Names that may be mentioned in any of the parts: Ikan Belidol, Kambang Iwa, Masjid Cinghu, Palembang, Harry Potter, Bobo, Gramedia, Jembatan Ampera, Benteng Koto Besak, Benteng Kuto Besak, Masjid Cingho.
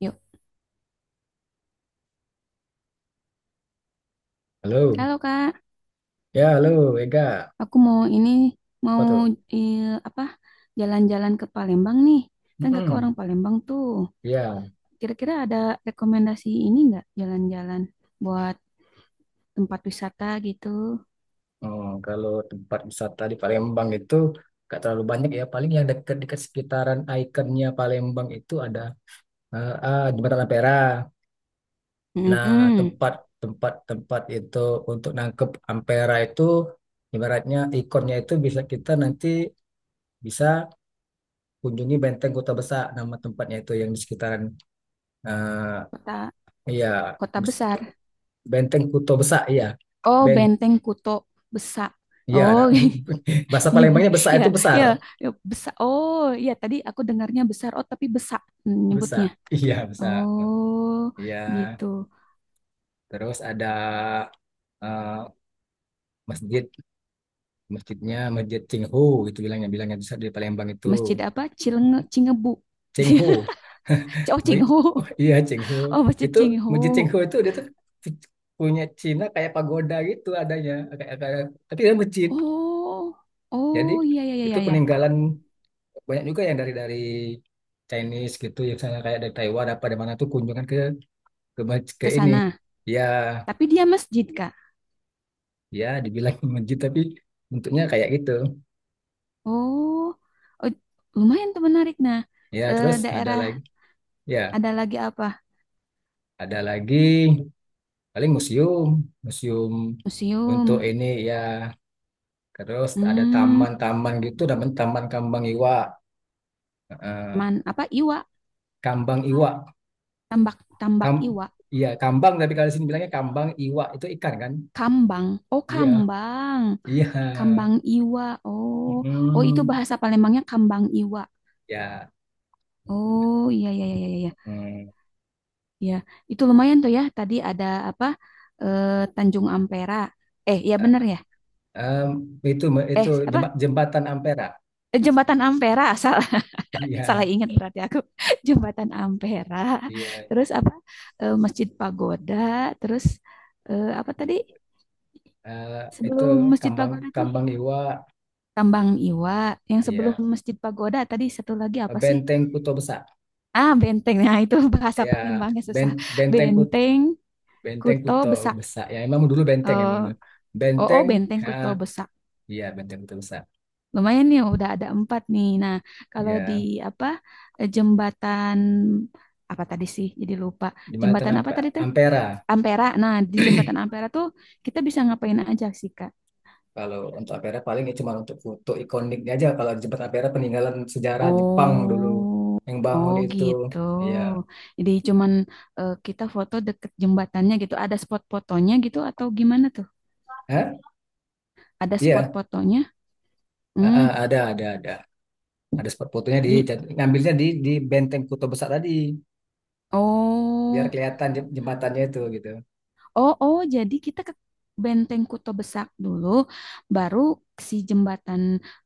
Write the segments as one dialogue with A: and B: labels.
A: Yuk.
B: Halo,
A: Halo Kak,
B: ya halo Ega,
A: aku mau ini
B: apa
A: mau
B: tuh?
A: eh, apa jalan-jalan ke Palembang nih. Kan Kakak
B: Mm-mm.
A: orang Palembang tuh.
B: Ya,
A: Kira-kira ada rekomendasi ini nggak jalan-jalan buat tempat wisata gitu?
B: oh, kalau tempat wisata di Palembang itu nggak terlalu banyak ya, paling yang dekat-dekat sekitaran ikonnya Palembang itu ada Jembatan Ampera. Nah,
A: Mm-mm.
B: tempat tempat tempat itu untuk nangkep Ampera itu ibaratnya ikonnya itu bisa kita nanti bisa kunjungi Benteng Kota Besar nama tempatnya itu yang di sekitaran eh,
A: Kota
B: ya
A: kota besar.
B: Benteng Kota Besar ya.
A: Oh, Benteng Kuto Besak.
B: Iya, nah,
A: Oh,
B: bahasa Palembangnya besak
A: ya,
B: itu besar,
A: ya, ya besar. Oh, ya tadi aku dengarnya besar. Oh, tapi besak nyebutnya.
B: besak. Iya, besak.
A: Oh,
B: Iya,
A: gitu.
B: terus ada eh, masjid, masjidnya Masjid Cingho itu bilangnya di Palembang itu
A: Masjid apa? Cilenge, Cingebu.
B: Cingho.
A: Oh,
B: Mu-
A: Cinghu.
B: Iya, Cingho.
A: Oh, Masjid
B: Itu Masjid
A: cingho,
B: Cingho itu dia tuh punya Cina kayak pagoda gitu adanya, kayak tapi dia masjid.
A: Oh,
B: Jadi
A: oh iya, iya, iya,
B: itu
A: iya. iya.
B: peninggalan banyak juga yang dari Chinese gitu, ya misalnya kayak dari Taiwan apa dari mana tuh kunjungan ke
A: Ke
B: ini
A: sana.
B: ya
A: Tapi dia masjid, Kak.
B: ya dibilang masjid tapi bentuknya kayak gitu
A: Oh, oh, lumayan tuh menarik. Nah,
B: ya
A: eh,
B: terus
A: daerah
B: ya
A: ada lagi apa?
B: ada lagi paling museum museum untuk
A: Museum.
B: ini ya terus ada
A: Hmm,
B: taman-taman gitu namanya taman kambang iwa. Eh,
A: teman apa? Iwa.
B: kambang iwa
A: Tambak, tambak
B: kam
A: Iwa.
B: iya kambang tapi kalau di sini bilangnya kambang iwa itu ikan kan
A: Kambang. Oh,
B: iya
A: kambang.
B: iya.
A: Kambang Iwa. Oh, oh itu
B: Mm,
A: bahasa Palembangnya kambang Iwa.
B: ya
A: Oh, iya, iya, iya, iya. iya.
B: mm.
A: Ya, itu lumayan tuh ya. Tadi ada apa? Eh, Tanjung Ampera. Eh, ya bener ya.
B: Em, itu itu
A: Eh, apa?
B: jembatan Ampera.
A: Eh, Jembatan Ampera. Salah, salah
B: Iya.
A: ingat berarti aku. Jembatan Ampera.
B: Iya,
A: Terus apa? Eh, Masjid Pagoda. Terus eh, apa tadi?
B: gitu, Bu. Eh, itu
A: Sebelum Masjid
B: Kambang
A: Pagoda tuh
B: Kambang Iwa,
A: Tambang Iwa. Yang sebelum
B: ya
A: Masjid Pagoda tadi satu lagi apa sih?
B: Benteng Kuto Besak,
A: Ah, benteng. Nah, itu bahasa
B: ya
A: Palembangnya
B: ben,
A: susah.
B: Benteng Kut
A: Benteng,
B: Benteng
A: Kuto,
B: Kuto
A: Besak.
B: Besak, ya emang
A: Eh,
B: dulu
A: Oh, oh,
B: benteng,
A: Benteng
B: ya,
A: Kuto Besak.
B: iya Benteng Kuto Besak,
A: Lumayan nih, udah ada 4 nih. Nah, kalau di
B: ya
A: apa eh, jembatan apa tadi sih? Jadi lupa.
B: di mana
A: Jembatan apa
B: nampak
A: tadi tuh?
B: Ampera
A: Ampera. Nah, di jembatan Ampera tuh kita bisa ngapain aja sih, Kak?
B: kalau untuk Ampera paling ya cuma untuk foto ikoniknya aja kalau di Jembatan Ampera peninggalan sejarah Jepang dulu
A: Oh,
B: yang bangun
A: Oh
B: itu,
A: gitu.
B: ya.
A: Jadi cuman eh, kita foto deket jembatannya gitu. Ada spot fotonya gitu atau gimana tuh?
B: Hah?
A: Ada spot
B: Iya,
A: fotonya?
B: eh,
A: Hmm,
B: eh, ada ada ada ada spot fotonya
A: di.
B: ngambilnya di Benteng Kuto besar tadi. Biar
A: Oh.
B: kelihatan jembatannya itu gitu.
A: Oh, oh, jadi kita ke Benteng Kuto Besak dulu, baru si jembatan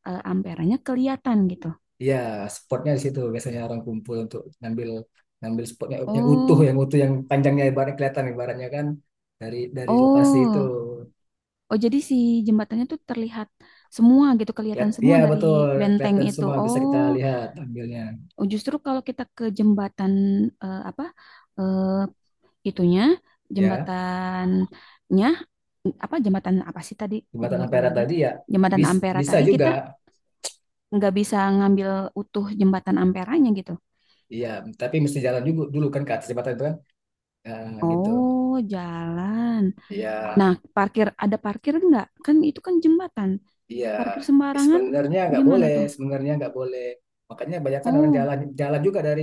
A: eh, Amperanya kelihatan gitu.
B: Iya, spotnya di situ biasanya orang kumpul untuk ngambil ngambil spotnya yang utuh,
A: Oh,
B: yang panjangnya ibaratnya kelihatan ibaratnya kan dari lokasi
A: oh,
B: itu.
A: oh, jadi si jembatannya tuh terlihat semua gitu,
B: Lihat,
A: kelihatan
B: iya
A: semua dari
B: betul,
A: benteng
B: kelihatan
A: itu.
B: semua bisa kita
A: Oh,
B: lihat ambilnya.
A: oh, justru kalau kita ke jembatan eh, apa eh, itunya,
B: Ya,
A: jembatannya apa jembatan apa sih tadi? Jadi
B: jembatan
A: lupa
B: Ampera
A: lagi.
B: tadi ya
A: Jembatan
B: bis,
A: Ampera
B: bisa
A: tadi kita
B: juga.
A: nggak bisa ngambil utuh jembatan Amperanya gitu
B: Iya, tapi mesti jalan juga dulu kan ke atas jembatan itu kan. Nah, gitu.
A: Oh, jalan.
B: Iya.
A: Nah, parkir ada parkir nggak? Kan itu kan jembatan.
B: Iya,
A: Parkir sembarangan
B: sebenarnya nggak
A: gimana
B: boleh,
A: tuh?
B: sebenarnya nggak boleh. Makanya banyak kan orang
A: Oh,
B: jalan jalan juga dari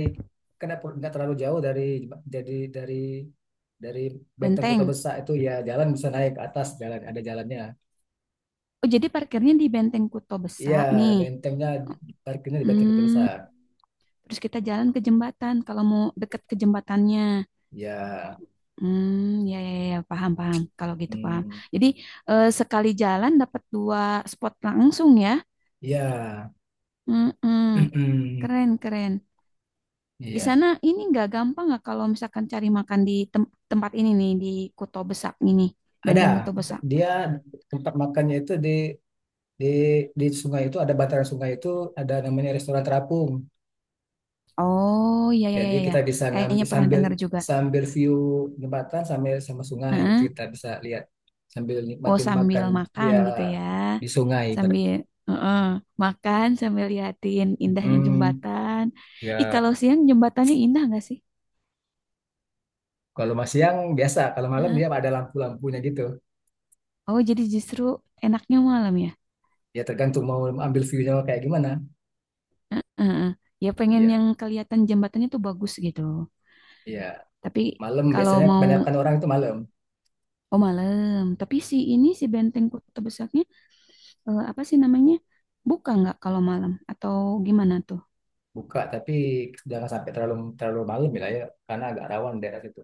B: kenapa nggak terlalu jauh dari jadi dari dari Benteng Kota
A: benteng.
B: Besar itu ya jalan bisa naik ke atas jalan ada jalannya.
A: Oh, jadi parkirnya di Benteng Kuto
B: Iya,
A: Besar nih.
B: bentengnya parkirnya di Benteng Kota
A: Hmm,
B: Besar.
A: terus kita jalan ke jembatan kalau mau deket ke jembatannya.
B: Ya,
A: Hmm, ya, ya, ya, paham, paham. Kalau gitu paham.
B: hmm,
A: Jadi eh, sekali jalan dapat 2 spot langsung ya.
B: ya,
A: Hmm, hmm. keren, keren. Di
B: iya.
A: sana ini nggak gampang nggak kalau misalkan cari makan di tem- tempat ini nih di Kuto Besak ini,
B: Ada
A: Benteng Kuto Besak.
B: dia tempat makannya itu di di sungai itu ada bantaran sungai itu ada namanya restoran terapung.
A: Oh iya iya
B: Jadi
A: iya ya,
B: kita bisa
A: kayaknya
B: ngambil
A: pernah
B: sambil
A: dengar juga.
B: sambil view jembatan sambil sama sungai gitu
A: Heeh.
B: kita bisa lihat sambil
A: Oh
B: nikmatin
A: sambil
B: makan
A: makan
B: dia
A: gitu ya,
B: di sungai, ibarat.
A: sambil heeh, makan sambil liatin indahnya
B: Mm,
A: jembatan. Ih
B: ya
A: kalau siang jembatannya indah nggak sih?
B: kalau masih siang biasa, kalau malam dia
A: Heeh.
B: ada lampu-lampunya gitu.
A: Oh jadi justru enaknya malam ya?
B: Ya tergantung mau ambil view-nya kayak gimana.
A: Heeh. Ya pengen
B: Iya,
A: yang kelihatan jembatannya tuh bagus gitu.
B: iya.
A: Tapi
B: Malam
A: kalau
B: biasanya
A: mau
B: kebanyakan orang itu malam
A: Oh malam, tapi si ini si Benteng Kota Besarnya eh, apa sih namanya? Buka nggak kalau malam atau gimana tuh?
B: buka tapi jangan sampai terlalu terlalu malam ya, ya karena agak rawan daerah situ.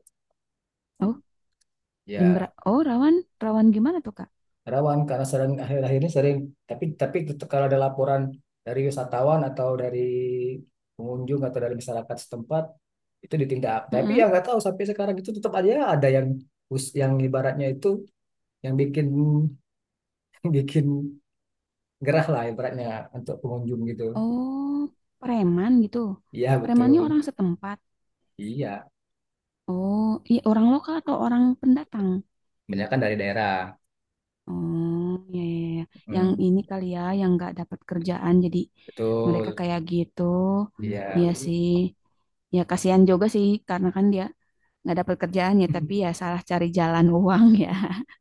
A: Oh jam
B: Ya.
A: Oh rawan, rawan gimana tuh Kak?
B: Rawan karena sering akhir-akhir ini sering tapi tetap kalau ada laporan dari wisatawan atau dari pengunjung atau dari masyarakat setempat itu ditindak tapi
A: Heeh.
B: ya nggak tahu sampai sekarang itu tetap aja ada yang ibaratnya itu yang bikin bikin gerah lah ibaratnya untuk pengunjung gitu
A: Oh preman gitu.
B: iya
A: Premannya
B: betul
A: orang setempat.
B: iya
A: Oh iya orang lokal atau orang pendatang?
B: banyak kan dari daerah.
A: Oh ya, iya, iya. Yang
B: Hmm,
A: ini kali ya yang nggak dapat kerjaan jadi mereka
B: betul
A: kayak gitu.
B: iya
A: Iya sih. Ya kasihan juga sih karena kan dia nggak dapat kerjaannya tapi ya salah cari jalan uang ya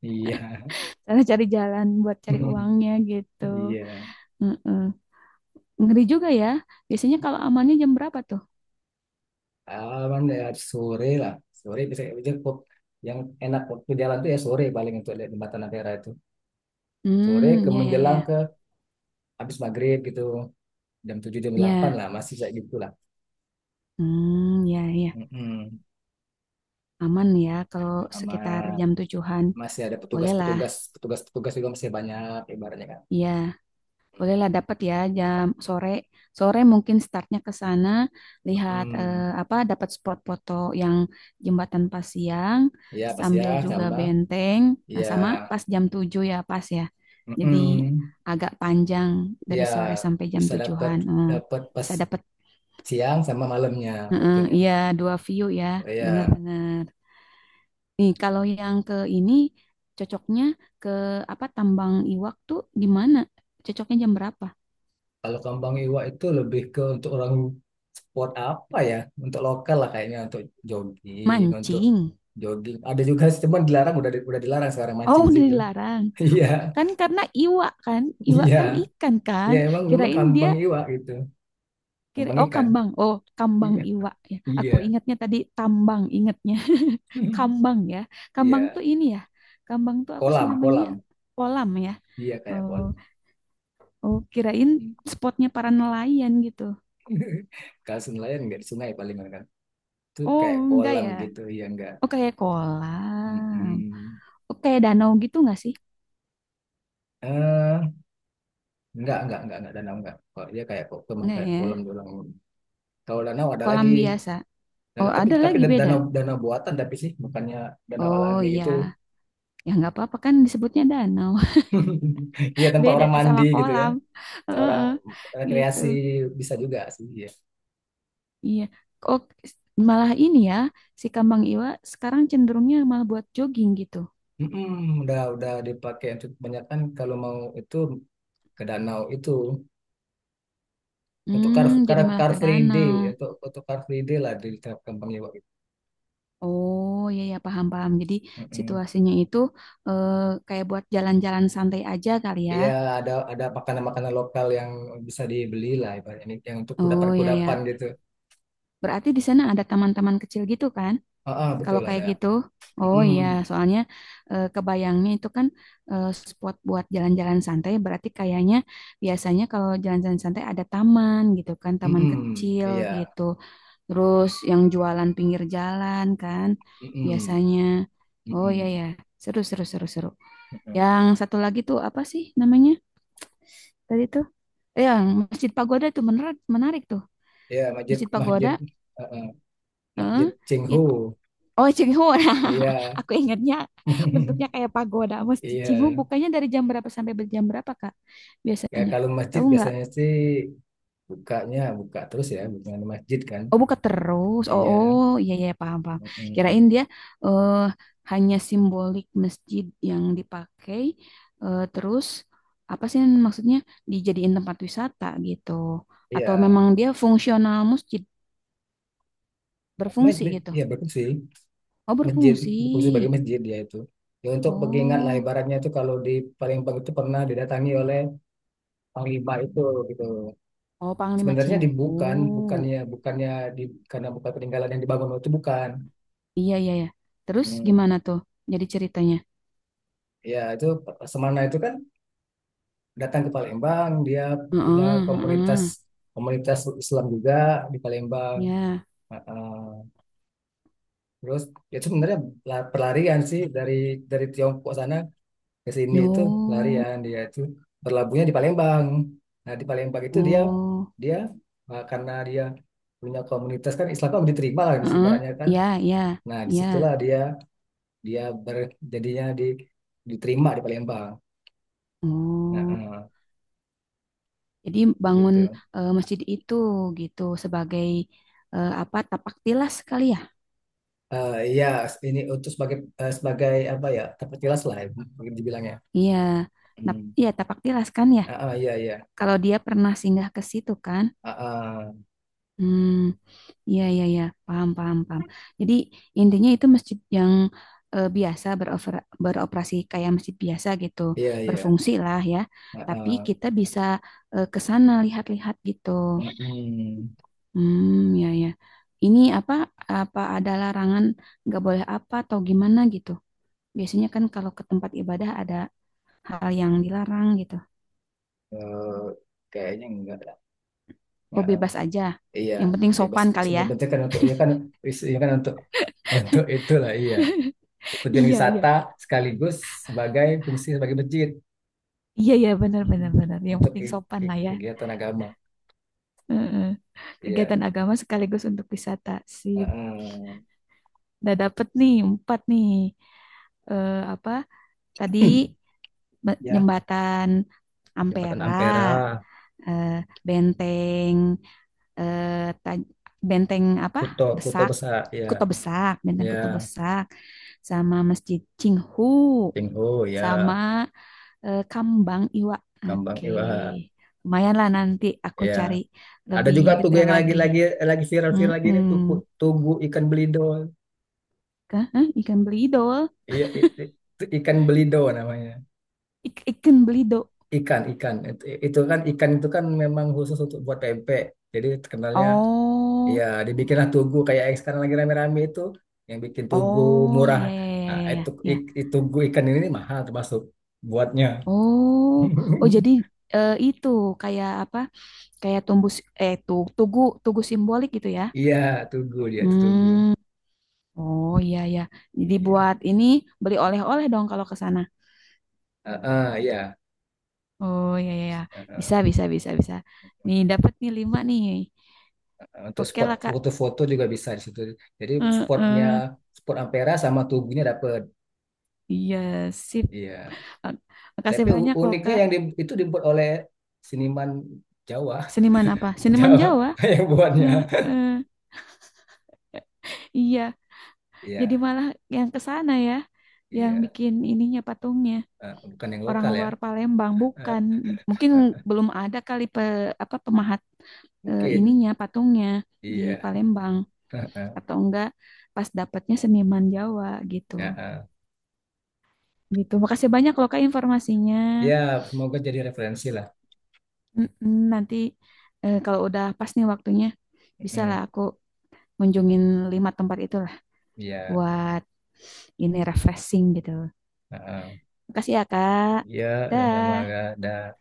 B: iya
A: salah cari jalan buat cari uangnya gitu
B: iya.
A: Mm-mm. ngeri juga ya biasanya kalau amannya jam berapa tuh
B: Aman ya sore lah. Sore bisa cukup. Yang enak waktu jalan tuh ya sore paling untuk lihat jembatan Ampera itu. Sore ke
A: hmm ya ya ya
B: menjelang
A: ya
B: ke habis maghrib gitu. Jam 7 jam 8
A: Ya.
B: lah masih kayak gitu lah.
A: Hmm ya ya
B: Mm-mm.
A: aman ya kalau sekitar
B: Sama
A: jam tujuhan
B: masih ada
A: bolehlah
B: petugas-petugas petugas-petugas juga masih banyak ibaratnya kan.
A: ya Bolehlah dapat ya jam sore. Sore mungkin startnya ke sana, lihat
B: Mm-mm.
A: eh, apa dapat spot foto yang jembatan pas siang,
B: Ya pasti ya
A: sambil juga
B: tambah
A: benteng. Nah,
B: ya
A: sama pas jam 7 ya, pas ya. Jadi
B: mm-mm.
A: agak panjang dari
B: Ya
A: sore sampai jam
B: bisa dapat
A: 7-an. Hmm,
B: dapat pas
A: bisa dapat
B: siang sama malamnya
A: Heeh,
B: fotonya.
A: iya dua view ya,
B: Oh, ya.
A: benar-benar. Nih, kalau yang ke ini cocoknya ke apa Tambang Iwak tuh di mana? Cocoknya jam berapa?
B: Kalau kambang iwa itu lebih ke untuk orang sport apa ya? Untuk lokal lah kayaknya untuk jogging, untuk
A: Mancing.
B: jogging. Ada juga sih, cuman dilarang udah dilarang sekarang
A: Oh,
B: mancing di
A: udah
B: situ.
A: dilarang.
B: Iya,
A: Kan karena iwa
B: iya.
A: kan ikan
B: Iya
A: kan.
B: emang emang
A: Kirain dia
B: kambang iwa gitu.
A: kira
B: Kambang
A: oh
B: ikan.
A: kambang. Oh, kambang
B: Iya,
A: iwa ya.
B: iya.
A: Aku ingatnya tadi tambang ingatnya. Kambang ya. Kambang
B: Iya,
A: tuh ini ya. Kambang tuh apa sih
B: kolam,
A: namanya?
B: kolam.
A: Kolam ya.
B: Iya kayak
A: Oh,
B: kolam.
A: oh kirain spotnya para nelayan gitu.
B: Kalau nelayan nggak di sungai palingan kan. Itu
A: Oh,
B: kayak
A: enggak
B: kolam
A: ya.
B: gitu, ya enggak.
A: Oh, kayak kolam.
B: Mm.
A: Oh, kayak danau gitu enggak sih?
B: Enggak danau enggak. Kok dia kayak kok cuman
A: Enggak
B: kayak kolam
A: ya.
B: doang. Kalau danau ada
A: Kolam
B: lagi.
A: biasa. Oh,
B: Danau
A: ada
B: tapi
A: lagi beda.
B: danau danau buatan tapi sih bukannya danau
A: Oh,
B: alami
A: iya.
B: gitu.
A: Ya nggak apa-apa kan disebutnya danau.
B: Iya tempat
A: Beda
B: orang mandi
A: sama
B: gitu ya.
A: kolam.
B: Orang
A: Heeh, gitu.
B: rekreasi bisa juga sih ya.
A: Iya. Oh, malah ini ya, si Kambang Iwa sekarang cenderungnya malah buat jogging gitu.
B: Mm-mm, udah dipakai untuk kebanyakan kalau mau itu ke danau itu untuk car
A: Hmm,
B: car
A: jadi malah
B: car
A: ke
B: free day
A: danau.
B: untuk car free day lah di Kampung Iwak
A: Oh, iya ya paham-paham. Jadi
B: itu.
A: situasinya itu eh, kayak buat jalan-jalan santai aja kali ya.
B: Iya, ada makanan-makanan lokal yang bisa dibeli lah, ibaratnya yang untuk
A: Oh, iya
B: kudapan-kudapan
A: ya.
B: gitu.
A: Berarti di sana ada taman-taman kecil gitu kan?
B: Ah, ah,
A: Kalau
B: betul
A: kayak
B: ada.
A: gitu, oh iya,
B: Mm-mm,
A: soalnya eh, kebayangnya itu kan eh, spot buat jalan-jalan santai, berarti kayaknya biasanya kalau jalan-jalan santai ada taman gitu kan, taman kecil
B: iya,
A: gitu. Terus yang jualan pinggir jalan kan,
B: mm-mm,
A: biasanya.
B: mm
A: Oh iya
B: mm.
A: ya, seru seru seru seru. Yang satu lagi tuh apa sih namanya tadi tuh? Eh, Yang Masjid Pagoda tuh menarik menarik tuh.
B: Iya, masjid
A: Masjid Pagoda,
B: masjid ah, ah,
A: eh,
B: masjid Cinghu.
A: it- Oh, Cinghu.
B: Iya,
A: Nah, aku ingatnya bentuknya kayak pagoda. Masjid Cinghu
B: iya.
A: bukanya dari jam berapa sampai ber- jam berapa, Kak?
B: Kayak
A: Biasanya.
B: kalau masjid
A: Tahu nggak?
B: biasanya sih bukanya buka terus ya, bukan masjid kan?
A: Oh, buka terus. Oh,
B: Iya,
A: oh, iya iya paham paham.
B: mm-mm, mm.
A: Kirain
B: Mm.
A: dia eh hanya simbolik masjid yang dipakai eh, terus apa sih maksudnya dijadiin tempat wisata gitu. Atau
B: Iya,
A: memang dia fungsional masjid, berfungsi gitu.
B: iya bagus sih.
A: Oh,
B: Masjid
A: berfungsi.
B: berfungsi sebagai masjid ya itu ya untuk pengingat lah
A: Oh,
B: ibaratnya itu kalau di Palembang itu pernah didatangi oleh panglima itu gitu
A: oh Panglima
B: sebenarnya dibukan
A: Cinghu.
B: bukannya bukannya di karena bukan peninggalan yang dibangun itu bukan.
A: Iya, iya, ya. Terus
B: Hmm.
A: gimana tuh? Jadi ceritanya.
B: Ya itu Semana itu kan datang ke Palembang dia punya
A: Heeh,
B: komunitas
A: heeh.
B: komunitas Islam juga di Palembang.
A: Ya.
B: Ah, ah. Terus ya itu sebenarnya pelarian sih dari Tiongkok sana ke sini itu
A: No.
B: larian dia itu berlabuhnya di Palembang. Nah di Palembang itu dia
A: Oh.
B: dia karena dia punya komunitas kan Islam kan diterima lah di
A: Heeh.
B: ibaratnya kan.
A: Ya, ya,
B: Nah
A: ya.
B: disitulah dia dia berjadinya di diterima di Palembang. Nah
A: Oh. Jadi bangun
B: gitu.
A: eh, masjid itu gitu sebagai eh, apa? Tapak tilas kali ya?
B: Iya ini untuk sebagai apa ya tempat tilas lah ya, mungkin dibilangnya.
A: Iya. Nap-
B: Hmm.
A: Iya, tapak tilas kan ya.
B: Ah, ah, iya iya.
A: Kalau dia pernah singgah ke situ kan.
B: Ah, ah,
A: Hmm. Iya, iya, iya, paham, paham, paham. Jadi intinya itu masjid yang eh, biasa berover- beroperasi kayak masjid biasa gitu,
B: iya iya.
A: berfungsi lah ya.
B: Ah,
A: Tapi
B: ah.
A: kita bisa eh, ke sana lihat-lihat gitu.
B: Mm-mm.
A: Hmm, ya, ya. Ini apa? Apa ada larangan nggak boleh apa atau gimana gitu? Biasanya kan kalau ke tempat ibadah ada hal yang dilarang gitu.
B: Eh, kayaknya enggak
A: Oh,
B: lah.
A: bebas aja.
B: Iya,
A: Yang penting
B: bebas
A: sopan kali ya.
B: sebenarnya kan untuk ya kan isinya kan untuk itulah iya. Untuk tujuan
A: Iya, iya.
B: wisata sekaligus sebagai fungsi sebagai masjid.
A: Iya, iya, benar,
B: Mm-mm.
A: benar, benar. Yang
B: Untuk
A: penting sopan lah ya.
B: kegiatan agama.
A: Heeh. Kegiatan
B: Iya.
A: agama sekaligus untuk wisata. Sip.
B: Mm-mm.
A: Udah dapet nih, 4 nih. Eh, apa tadi be-
B: Ya,
A: jembatan
B: Jembatan
A: Ampera,
B: Ampera,
A: eh, benteng, eh, taj- benteng apa?
B: Kuto Kuto
A: Besak,
B: besar ya,
A: Kuto Besak, benteng
B: ya
A: Kuto Besak, sama Masjid Cinghu,
B: Tingho ya,
A: sama eh, Kambang Iwa.
B: Kambang
A: Oke,
B: Iwa
A: Lumayan lah nanti aku cari
B: ya. Ada
A: lebih
B: juga tugu
A: detail
B: yang
A: lagi.
B: lagi viral-viral lagi ini
A: Mm-mm.
B: tugu, tugu ikan belidol.
A: Hah? Hah? Ikan belidol?
B: Iya, ikan belido namanya.
A: Ik- ikan belidol.
B: Ikan, ikan. Itu, kan ikan itu kan memang khusus untuk buat pempek. Jadi terkenalnya ya
A: Oh,
B: dibikinlah tugu kayak yang sekarang lagi rame-rame itu yang bikin tugu
A: oh,
B: murah.
A: ya, ya, ya,
B: Nah,
A: ya, ya, ya.
B: itu tugu ikan ini nih mahal termasuk buatnya.
A: Oh, oh, jadi eh, itu kayak apa? Kayak tumbuh, si- eh, tuh, tugu, tugu simbolik gitu ya?
B: Iya, tugu dia itu tugu.
A: Hmm, oh, iya, ya. Jadi
B: Iya.
A: buat ini beli oleh-oleh dong kalau ke sana.
B: Ah, ah, iya.
A: Oh, ya, ya, ya.
B: Eh,
A: Bisa, bisa, bisa, bisa. Nih, dapat nih 5 nih.
B: untuk
A: Oke
B: spot
A: lah, Kak.
B: foto-foto juga bisa di situ. Jadi
A: Eh,
B: spotnya
A: eh.
B: spot Ampera sama Tugunya dapat.
A: Iya, sip.
B: Iya.
A: Mak- Makasih
B: Tapi
A: banyak loh,
B: uniknya
A: Kak.
B: yang itu dibuat oleh seniman Jawa.
A: Seniman apa? Seniman
B: Jawa
A: Jawa.
B: yang buatnya.
A: Eh, eh, iya, jadi
B: Iya,
A: malah yang ke sana ya, yang
B: iya.
A: bikin ininya patungnya
B: Bukan yang
A: orang
B: lokal ya.
A: luar Palembang
B: Eh,
A: bukan. Mungkin
B: eh,
A: belum ada kali pe, apa pemahat eh,
B: mungkin.
A: ininya patungnya di
B: Iya.
A: Palembang atau enggak pas dapatnya seniman Jawa gitu.
B: Ya, eh.
A: Gitu. Makasih banyak loh Kak informasinya.
B: Ya, semoga jadi referensi lah.
A: Mm-mm, nanti eh, kalau udah pas nih waktunya bisa lah
B: Mm,
A: aku kunjungin 5 tempat itu
B: Iya.
A: buat ini refreshing gitu.
B: Eh, eh.
A: Makasih ya, Kak.
B: Iya, sama-sama
A: Dah.
B: ada.